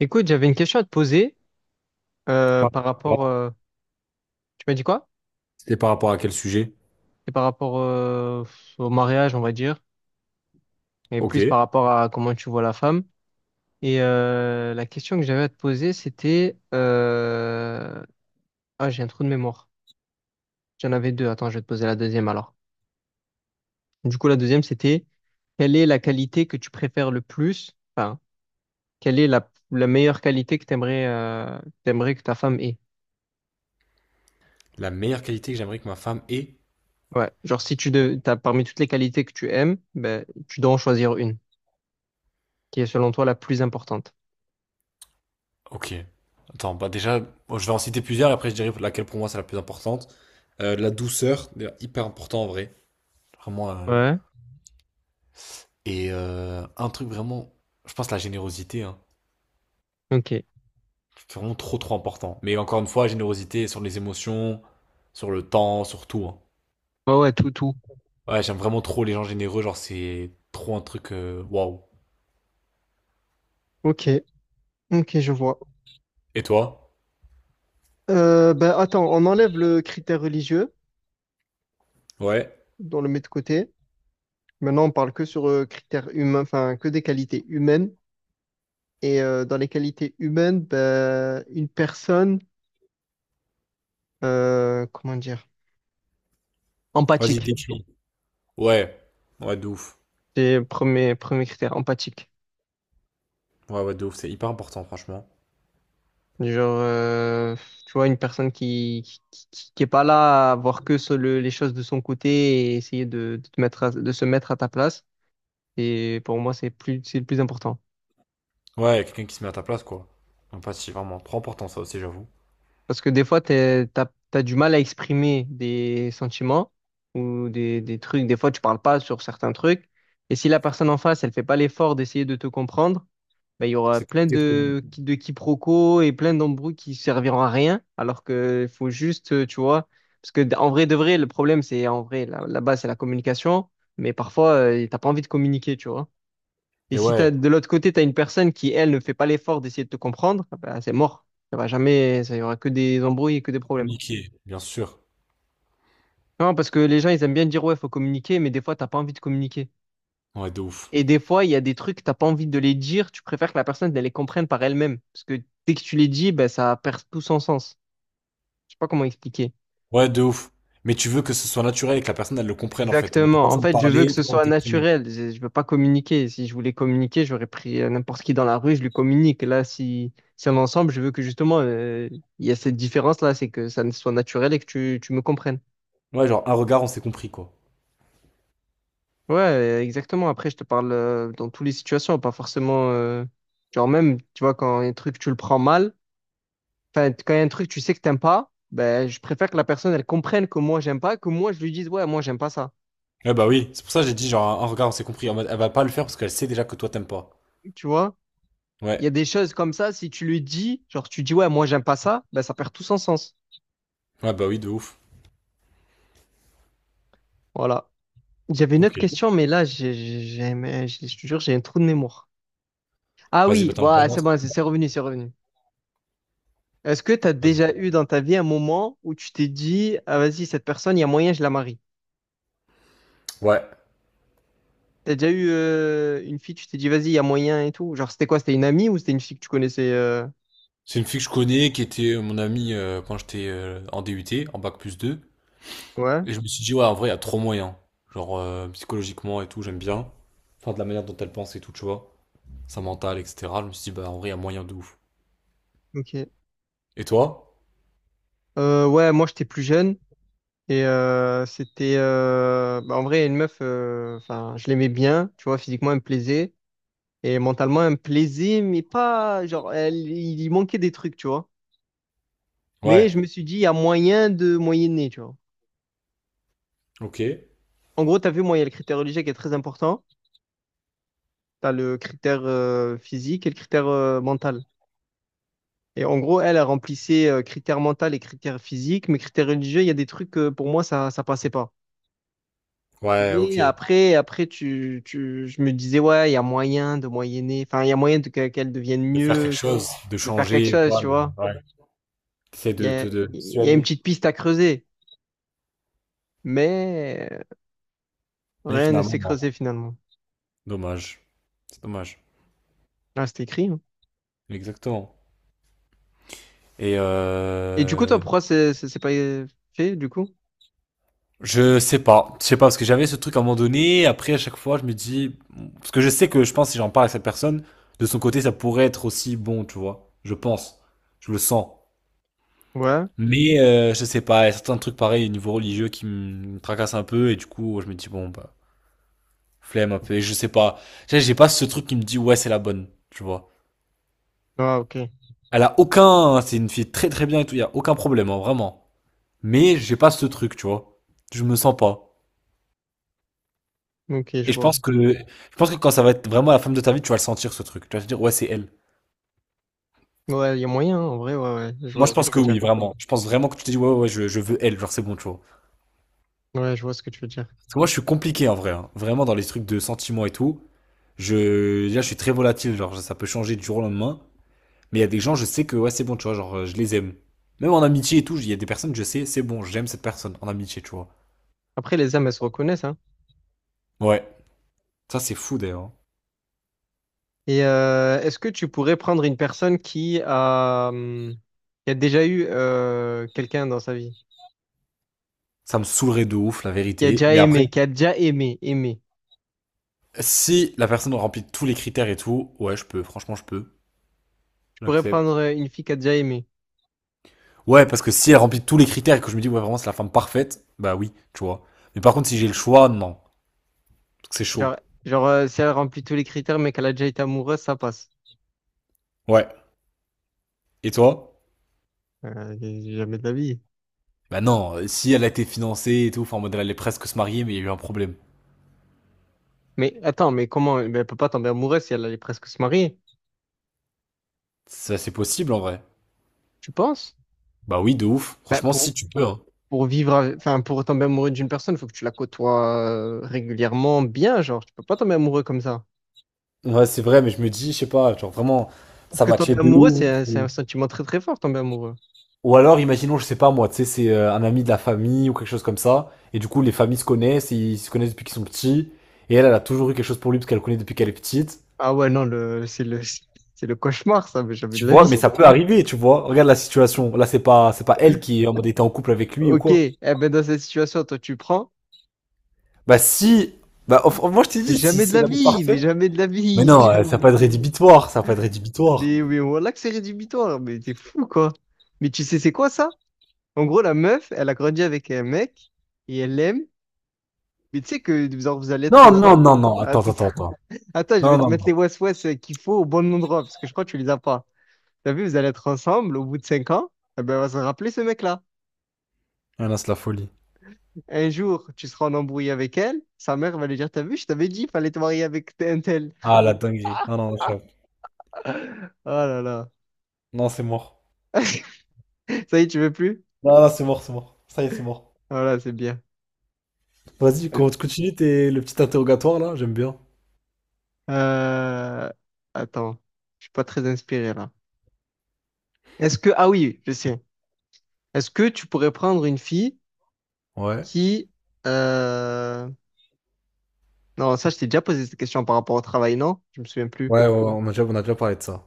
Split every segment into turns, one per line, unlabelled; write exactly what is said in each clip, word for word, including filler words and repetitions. Écoute, j'avais une question à te poser euh,
Par-
par rapport. euh, tu m'as dit quoi?
C'était par rapport à quel sujet?
Et par rapport euh, au mariage, on va dire, et
Ok.
plus par rapport à comment tu vois la femme. Et euh, la question que j'avais à te poser, c'était. euh, Ah, j'ai un trou de mémoire. J'en avais deux. Attends, je vais te poser la deuxième alors. Du coup, la deuxième, c'était quelle est la qualité que tu préfères le plus? Enfin, quelle est la, la meilleure qualité que t'aimerais euh, t'aimerais que ta femme ait?
La meilleure qualité que j'aimerais que ma femme ait?
Ouais, genre si tu de... t'as parmi toutes les qualités que tu aimes, ben, tu dois en choisir une qui est selon toi la plus importante.
Ok. Attends, bah déjà, bon, je vais en citer plusieurs, et après je dirai laquelle pour moi c'est la plus importante. Euh, la douceur, d'ailleurs, hyper important en vrai. Vraiment. euh,
Ouais,
Et euh, un truc vraiment, je pense la générosité. Hein.
ok.
C'est vraiment trop trop important. Mais encore une fois, générosité sur les émotions, sur le temps, sur tout. Hein.
Ouais, ouais, tout, tout.
Ouais, j'aime vraiment trop les gens généreux, genre c'est trop un truc euh, waouh.
Ok, ok, je vois.
Et toi?
Euh, ben attends, on enlève le critère religieux,
Ouais.
on le met de côté. Maintenant, on parle que sur euh, critères humains, enfin que des qualités humaines. Et euh, dans les qualités humaines, ben, une personne, euh, comment dire?
Vas-y,
Empathique,
décris. Ouais. Ouais, de ouf.
c'est le premier, premier critère, empathique.
Ouais, ouais, de ouf, c'est hyper important, franchement.
Genre, euh, tu vois, une personne qui, qui, qui- qui est pas là à voir que sur le- les choses de son côté et essayer de, de te mettre à- de se mettre à ta place. Et pour moi, c'est plus, c'est le plus important.
Ouais, y a quelqu'un qui se met à ta place, quoi. L'empathie, vraiment, trop important, ça aussi, j'avoue.
Parce que des fois, t'es, t'as, t'as du mal à exprimer des sentiments ou des, des trucs. Des fois, tu parles pas sur certains trucs. Et si la personne en face, elle fait pas l'effort d'essayer de te comprendre, ben, il y aura
C'est
plein
compliqué de
de,
communiquer.
de quiproquos et plein d'embrouilles qui serviront à rien, alors que faut juste, euh, tu vois, parce que en vrai de vrai, le problème, c'est en vrai, là là bas c'est la communication, mais parfois, euh, t'as pas envie de communiquer, tu vois. Et
Et
si t'as,
ouais,
de l'autre côté, t'as une personne qui, elle, ne fait pas l'effort d'essayer de te comprendre, ah ben, c'est mort. Ça va jamais, ça y aura que des embrouilles et que des problèmes.
communiquer, bien sûr.
Non, parce que les gens, ils aiment bien dire, ouais, faut communiquer, mais des fois, t'as pas envie de communiquer.
Ouais, de ouf.
Et des fois, il y a des trucs, t'as pas envie de les dire, tu préfères que la personne elle les comprenne par elle-même. Parce que dès que tu les dis, ben, ça perd tout son sens. Je sais pas comment expliquer.
Ouais, de ouf. Mais tu veux que ce soit naturel et que la personne, elle le comprenne, en fait. En mode, T'as pas
Exactement. En
besoin de
fait, je veux
parler,
que
t'as
ce
pas besoin de
soit
t'exprimer.
naturel. Je, je veux pas communiquer. Si je voulais communiquer, j'aurais pris euh, n'importe qui dans la rue, je lui communique. Là, si, si on est ensemble, je veux que justement, euh, il y a cette différence-là, c'est que ça ne soit naturel et que tu, tu me comprennes.
Ouais, genre, un regard, on s'est compris, quoi.
Ouais, euh, exactement. Après, je te parle euh, dans toutes les situations, pas forcément. euh, Genre même, tu vois, quand un truc, tu le prends mal. Enfin, quand il y a un truc, tu sais que t'aimes pas, ben, je préfère que la personne, elle comprenne que moi, j'aime pas, que moi, je lui dise, ouais, moi, j'aime pas ça.
Ouais, bah oui, c'est pour ça que j'ai dit, genre, un regard, on s'est compris. En mode, elle va pas le faire parce qu'elle sait déjà que toi, t'aimes pas.
Tu vois? Il y
Ouais.
a des choses comme ça, si tu lui dis, genre, tu dis, ouais, moi, j'aime pas ça, ben, ça perd tout son sens.
Ouais, bah oui, de ouf.
Voilà. J'avais une
Ok.
autre question, mais là, j'ai, j'ai- j'ai- mais je je te jure, j'ai un trou de mémoire. Ah
Vas-y, bah
oui,
t'en as pas
voilà,
une
c'est
autre?
bon, c'est c'est revenu, c'est revenu. Est-ce que t'as
Vas-y.
déjà eu dans ta vie un moment où tu t'es dit, ah, vas-y, cette personne, il y a moyen, je la marie?
Ouais.
T'as déjà eu euh, une fille, tu t'es dit, vas-y, il y a moyen et tout? Genre, c'était quoi? C'était une amie ou c'était une fille que tu connaissais? euh,
C'est une fille que je connais qui était euh, mon amie euh, quand j'étais euh, en D U T, en bac plus deux.
Ouais.
Et je me suis dit, ouais, en vrai, il y a trop moyen. Genre, euh, psychologiquement et tout, j'aime bien. Enfin, de la manière dont elle pense et tout, tu vois. Sa mentale, et cetera. Je me suis dit, bah, en vrai, il y a moyen de ouf.
Ok.
Et toi?
Euh, ouais, moi j'étais plus jeune et euh, c'était euh, bah, en vrai une meuf, euh, enfin je l'aimais bien, tu vois, physiquement elle me plaisait et mentalement elle me plaisait, mais pas genre elle, il y manquait des trucs, tu vois. Mais
Ouais.
je me suis dit il y a moyen de moyenner, tu vois.
Ok.
En gros, t'as vu, moi il y a le critère religieux qui est très important, t'as le critère euh, physique et le critère euh, mental. Et en gros, elle, elle remplissait euh, critère mental et critère physique, mais critère religieux, il y a des trucs euh, pour moi ça ça passait pas.
Ouais,
Mais
ok.
après, après tu, tu, je me disais, ouais, il y a moyen de moyenner, enfin, il y a moyen de que- qu'elle devienne
De faire quelque
mieux,
chose, de
de faire quelque
changer,
chose,
quoi.
tu vois.
T'essaies
Il y
de
a,
te... De... de
il y a une
persuader.
petite piste à creuser, mais euh,
Mais
rien ne
finalement,
s'est
non.
creusé finalement.
Dommage. C'est dommage.
Là, c'est écrit, hein.
Exactement. Et
Et du coup, toi,
euh...
pourquoi c'est c'est- c'est pas fait, du coup?
Je sais pas, je sais pas parce que j'avais ce truc à un moment donné. Après, à chaque fois, je me dis parce que je sais que je pense si j'en parle à cette personne, de son côté, ça pourrait être aussi bon, tu vois. Je pense, je le sens.
Ouais.
Mais euh, je sais pas, il y a certains trucs pareils au niveau religieux qui me tracassent un peu et du coup, je me dis bon bah flemme un peu. Et je sais pas, Tu j'ai pas ce truc qui me dit ouais c'est la bonne, tu vois.
Ah, ok.
Elle a aucun, hein, c'est une fille très très bien et tout, il y a aucun problème, hein, vraiment. Mais j'ai pas ce truc, tu vois. Je me sens pas.
Ok, je
Et je
vois.
pense que, je pense que quand ça va être vraiment la femme de ta vie, tu vas le sentir ce truc. Tu vas te dire, ouais, c'est elle.
Ouais, il y a moyen, hein, en vrai, ouais, ouais. Je vois
Moi, je
ce que
pense
tu veux
que oui,
dire.
vraiment. Je pense vraiment que tu te dis, ouais, ouais, ouais je, je veux elle, genre c'est bon, tu vois.
Ouais, je vois ce que tu veux dire.
Parce que moi, je suis compliqué en vrai. Hein. Vraiment, dans les trucs de sentiments et tout, je, là, je suis très volatile, genre ça peut changer du jour au lendemain. Mais il y a des gens, je sais que, ouais, c'est bon, tu vois, genre euh, je les aime. Même en amitié et tout, il y a des personnes, je sais, c'est bon, j'aime cette personne en amitié, tu vois.
Après, les âmes, elles se reconnaissent, hein.
Ouais. Ça, c'est fou d'ailleurs. Hein.
Et euh, est-ce que tu pourrais prendre une personne qui a, hum, qui a déjà eu euh, quelqu'un dans sa vie,
Ça me saoulerait de ouf, la
qui a
vérité.
déjà
Mais après,
aimé, qui a déjà aimé, aimé.
si la personne remplit tous les critères et tout, ouais, je peux, franchement, je peux.
Tu pourrais
J'accepte.
prendre euh, une fille qui a déjà aimé.
Ouais, parce que si elle remplit tous les critères et que je me dis, ouais, vraiment, c'est la femme parfaite, bah oui, tu vois. Mais par contre, si j'ai le choix, non. Parce que C'est
Genre,
chaud.
genre euh, si elle remplit tous les critères, mais qu'elle a déjà été amoureuse, ça passe.
Ouais. Et toi?
Euh, Jamais de la vie.
Bah non, euh, si elle a été financée et tout, enfin, en mode, elle allait presque se marier, mais il y a eu un problème.
Mais attends, mais comment? Ben, elle peut pas tomber amoureuse si elle allait presque se marier.
Ça, c'est possible, en vrai.
Tu penses?
Bah oui, de ouf.
Ben,
Franchement, si
pour,
tu peux, hein.
pour vivre, avec- enfin, pour tomber amoureux d'une personne, il faut que tu la côtoies euh, régulièrement, bien, genre. Tu peux pas tomber amoureux comme ça.
Ouais, c'est vrai, mais je me dis, je sais pas, genre vraiment,
Parce
ça
que
matchait
tomber
de
amoureux, c'est
ouf.
un, c'est un
Ou...
sentiment très très fort, tomber amoureux.
ou alors, imaginons, je sais pas moi, tu sais, c'est euh, un ami de la famille ou quelque chose comme ça. Et du coup, les familles se connaissent, ils se connaissent depuis qu'ils sont petits. Et elle, elle a toujours eu quelque chose pour lui parce qu'elle le connaît depuis qu'elle est petite.
Ah ouais, non, le, c'est le, c'est le cauchemar, ça, mais jamais de
Tu
la
vois,
vie.
mais ça peut arriver, tu vois. Regarde la situation. Là, c'est pas, c'est pas elle qui est en mode était en couple avec lui ou
Ok,
quoi.
eh ben dans cette situation, toi, tu prends.
Bah si, bah enfin, moi je t'ai
Mais
dit si
jamais de
c'est
la
l'amour
vie, mais
parfait.
jamais de la
Mais
vie,
non, euh, ça va
jamais.
pas être rédhibitoire, ça va pas être rédhibitoire.
Mais, mais voilà que c'est rédhibitoire, mais t'es fou, quoi. Mais tu sais, c'est quoi ça? En gros, la meuf, elle a grandi avec un mec, et elle l'aime, mais tu sais que genre, vous allez être
Non, non,
ensemble.
non, non. Attends,
Attends,
attends, attends.
attends, je
Non,
vais te
non,
mettre
non.
les ouest-ouest qu'il faut au bon endroit, parce que je crois que tu les as pas. T'as vu, vous allez être ensemble au bout de cinq ans, eh ben, elle va se rappeler ce mec-là.
Ah là, c'est la folie.
Un jour, tu seras en embrouille avec elle, sa mère va lui dire, t'as vu, je t'avais dit, il fallait te marier avec un tel.
Ah la dinguerie. Ah non, j'avoue.
Oh là là.
Non, c'est mort.
Ça y est, tu veux plus?
Non, non, c'est mort, c'est mort. Ça y est, c'est mort.
Voilà, c'est bien.
Vas-y, con- continue tes, le petit interrogatoire là. J'aime bien.
Euh... Attends, je suis pas très inspiré là. Est-ce que... Ah oui, je sais. Est-ce que tu pourrais prendre une fille
Ouais.
qui... euh, Non, ça, je t'ai déjà posé cette question par rapport au travail, non? Je me souviens plus.
Ouais, ouais, ouais, on a déjà, on a déjà parlé de ça.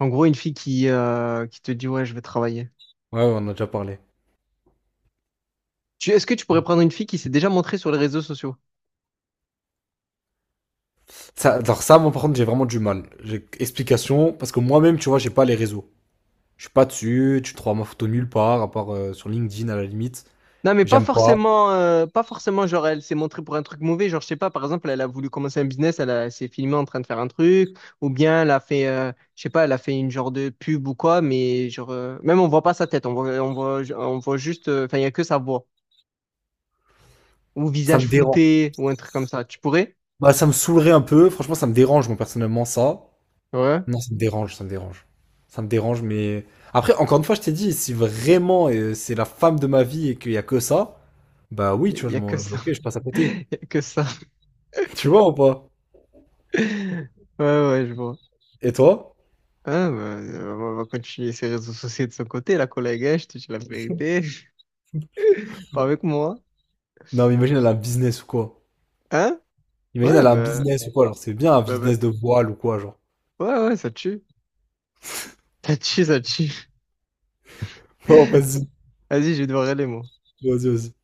En gros, une fille qui, euh, qui te dit, ouais, je vais travailler.
Ouais, ouais, on a déjà parlé.
Tu... Est-ce que tu pourrais prendre une fille qui s'est déjà montrée sur les réseaux sociaux?
Ça, alors ça, moi par contre, j'ai vraiment du mal. J'ai- Explication, parce que moi-même, tu vois, j'ai pas les réseaux. Je suis pas dessus, tu trouveras ma photo nulle part, à part euh, sur LinkedIn à la limite.
Non, mais pas
J'aime pas.
forcément, euh, pas forcément, genre, elle s'est montrée pour un truc mauvais. Genre, je sais pas, par exemple, elle a voulu commencer un business, elle, a- elle s'est filmée en train de faire un truc, ou bien elle a fait, euh, je sais pas, elle a fait une genre de pub ou quoi, mais genre, euh, même on voit pas sa tête, on voit, on voit, on voit juste, euh, enfin, il y a que sa voix, ou
Ça
visage
me dérange.
flouté, ou un truc comme ça. Tu pourrais?
Bah, ça me saoulerait un peu. Franchement, ça me dérange, moi, personnellement, ça.
Ouais,
Non, ça me dérange, ça me dérange. Ça me dérange, mais... Après, encore une fois, je t'ai dit, si vraiment euh, c'est la femme de ma vie et qu'il y a que ça, bah oui,
il
tu
y,
vois,
y
je
a
m'en...
que ça.
Ok, je passe à
Il
côté.
y a que ça.
Tu vois ou pas?
Ouais, ouais, je vois.
Et toi?
Ah, bah, euh, on va continuer ses réseaux sociaux de son côté, la collègue, hein, je te dis la vérité. Pas avec moi.
Non, mais imagine, elle a un business ou quoi?
Hein?
Imagine,
Ouais,
elle a un
ben
business ou quoi, alors c'est bien un
Bah, bah,
business de voile ou quoi, genre.
ouais, ouais, ça tue. Ça tue, ça tue.
Oh, vas-y,
Vas-y, je vais devoir aller, moi.
vas-y, vas-y.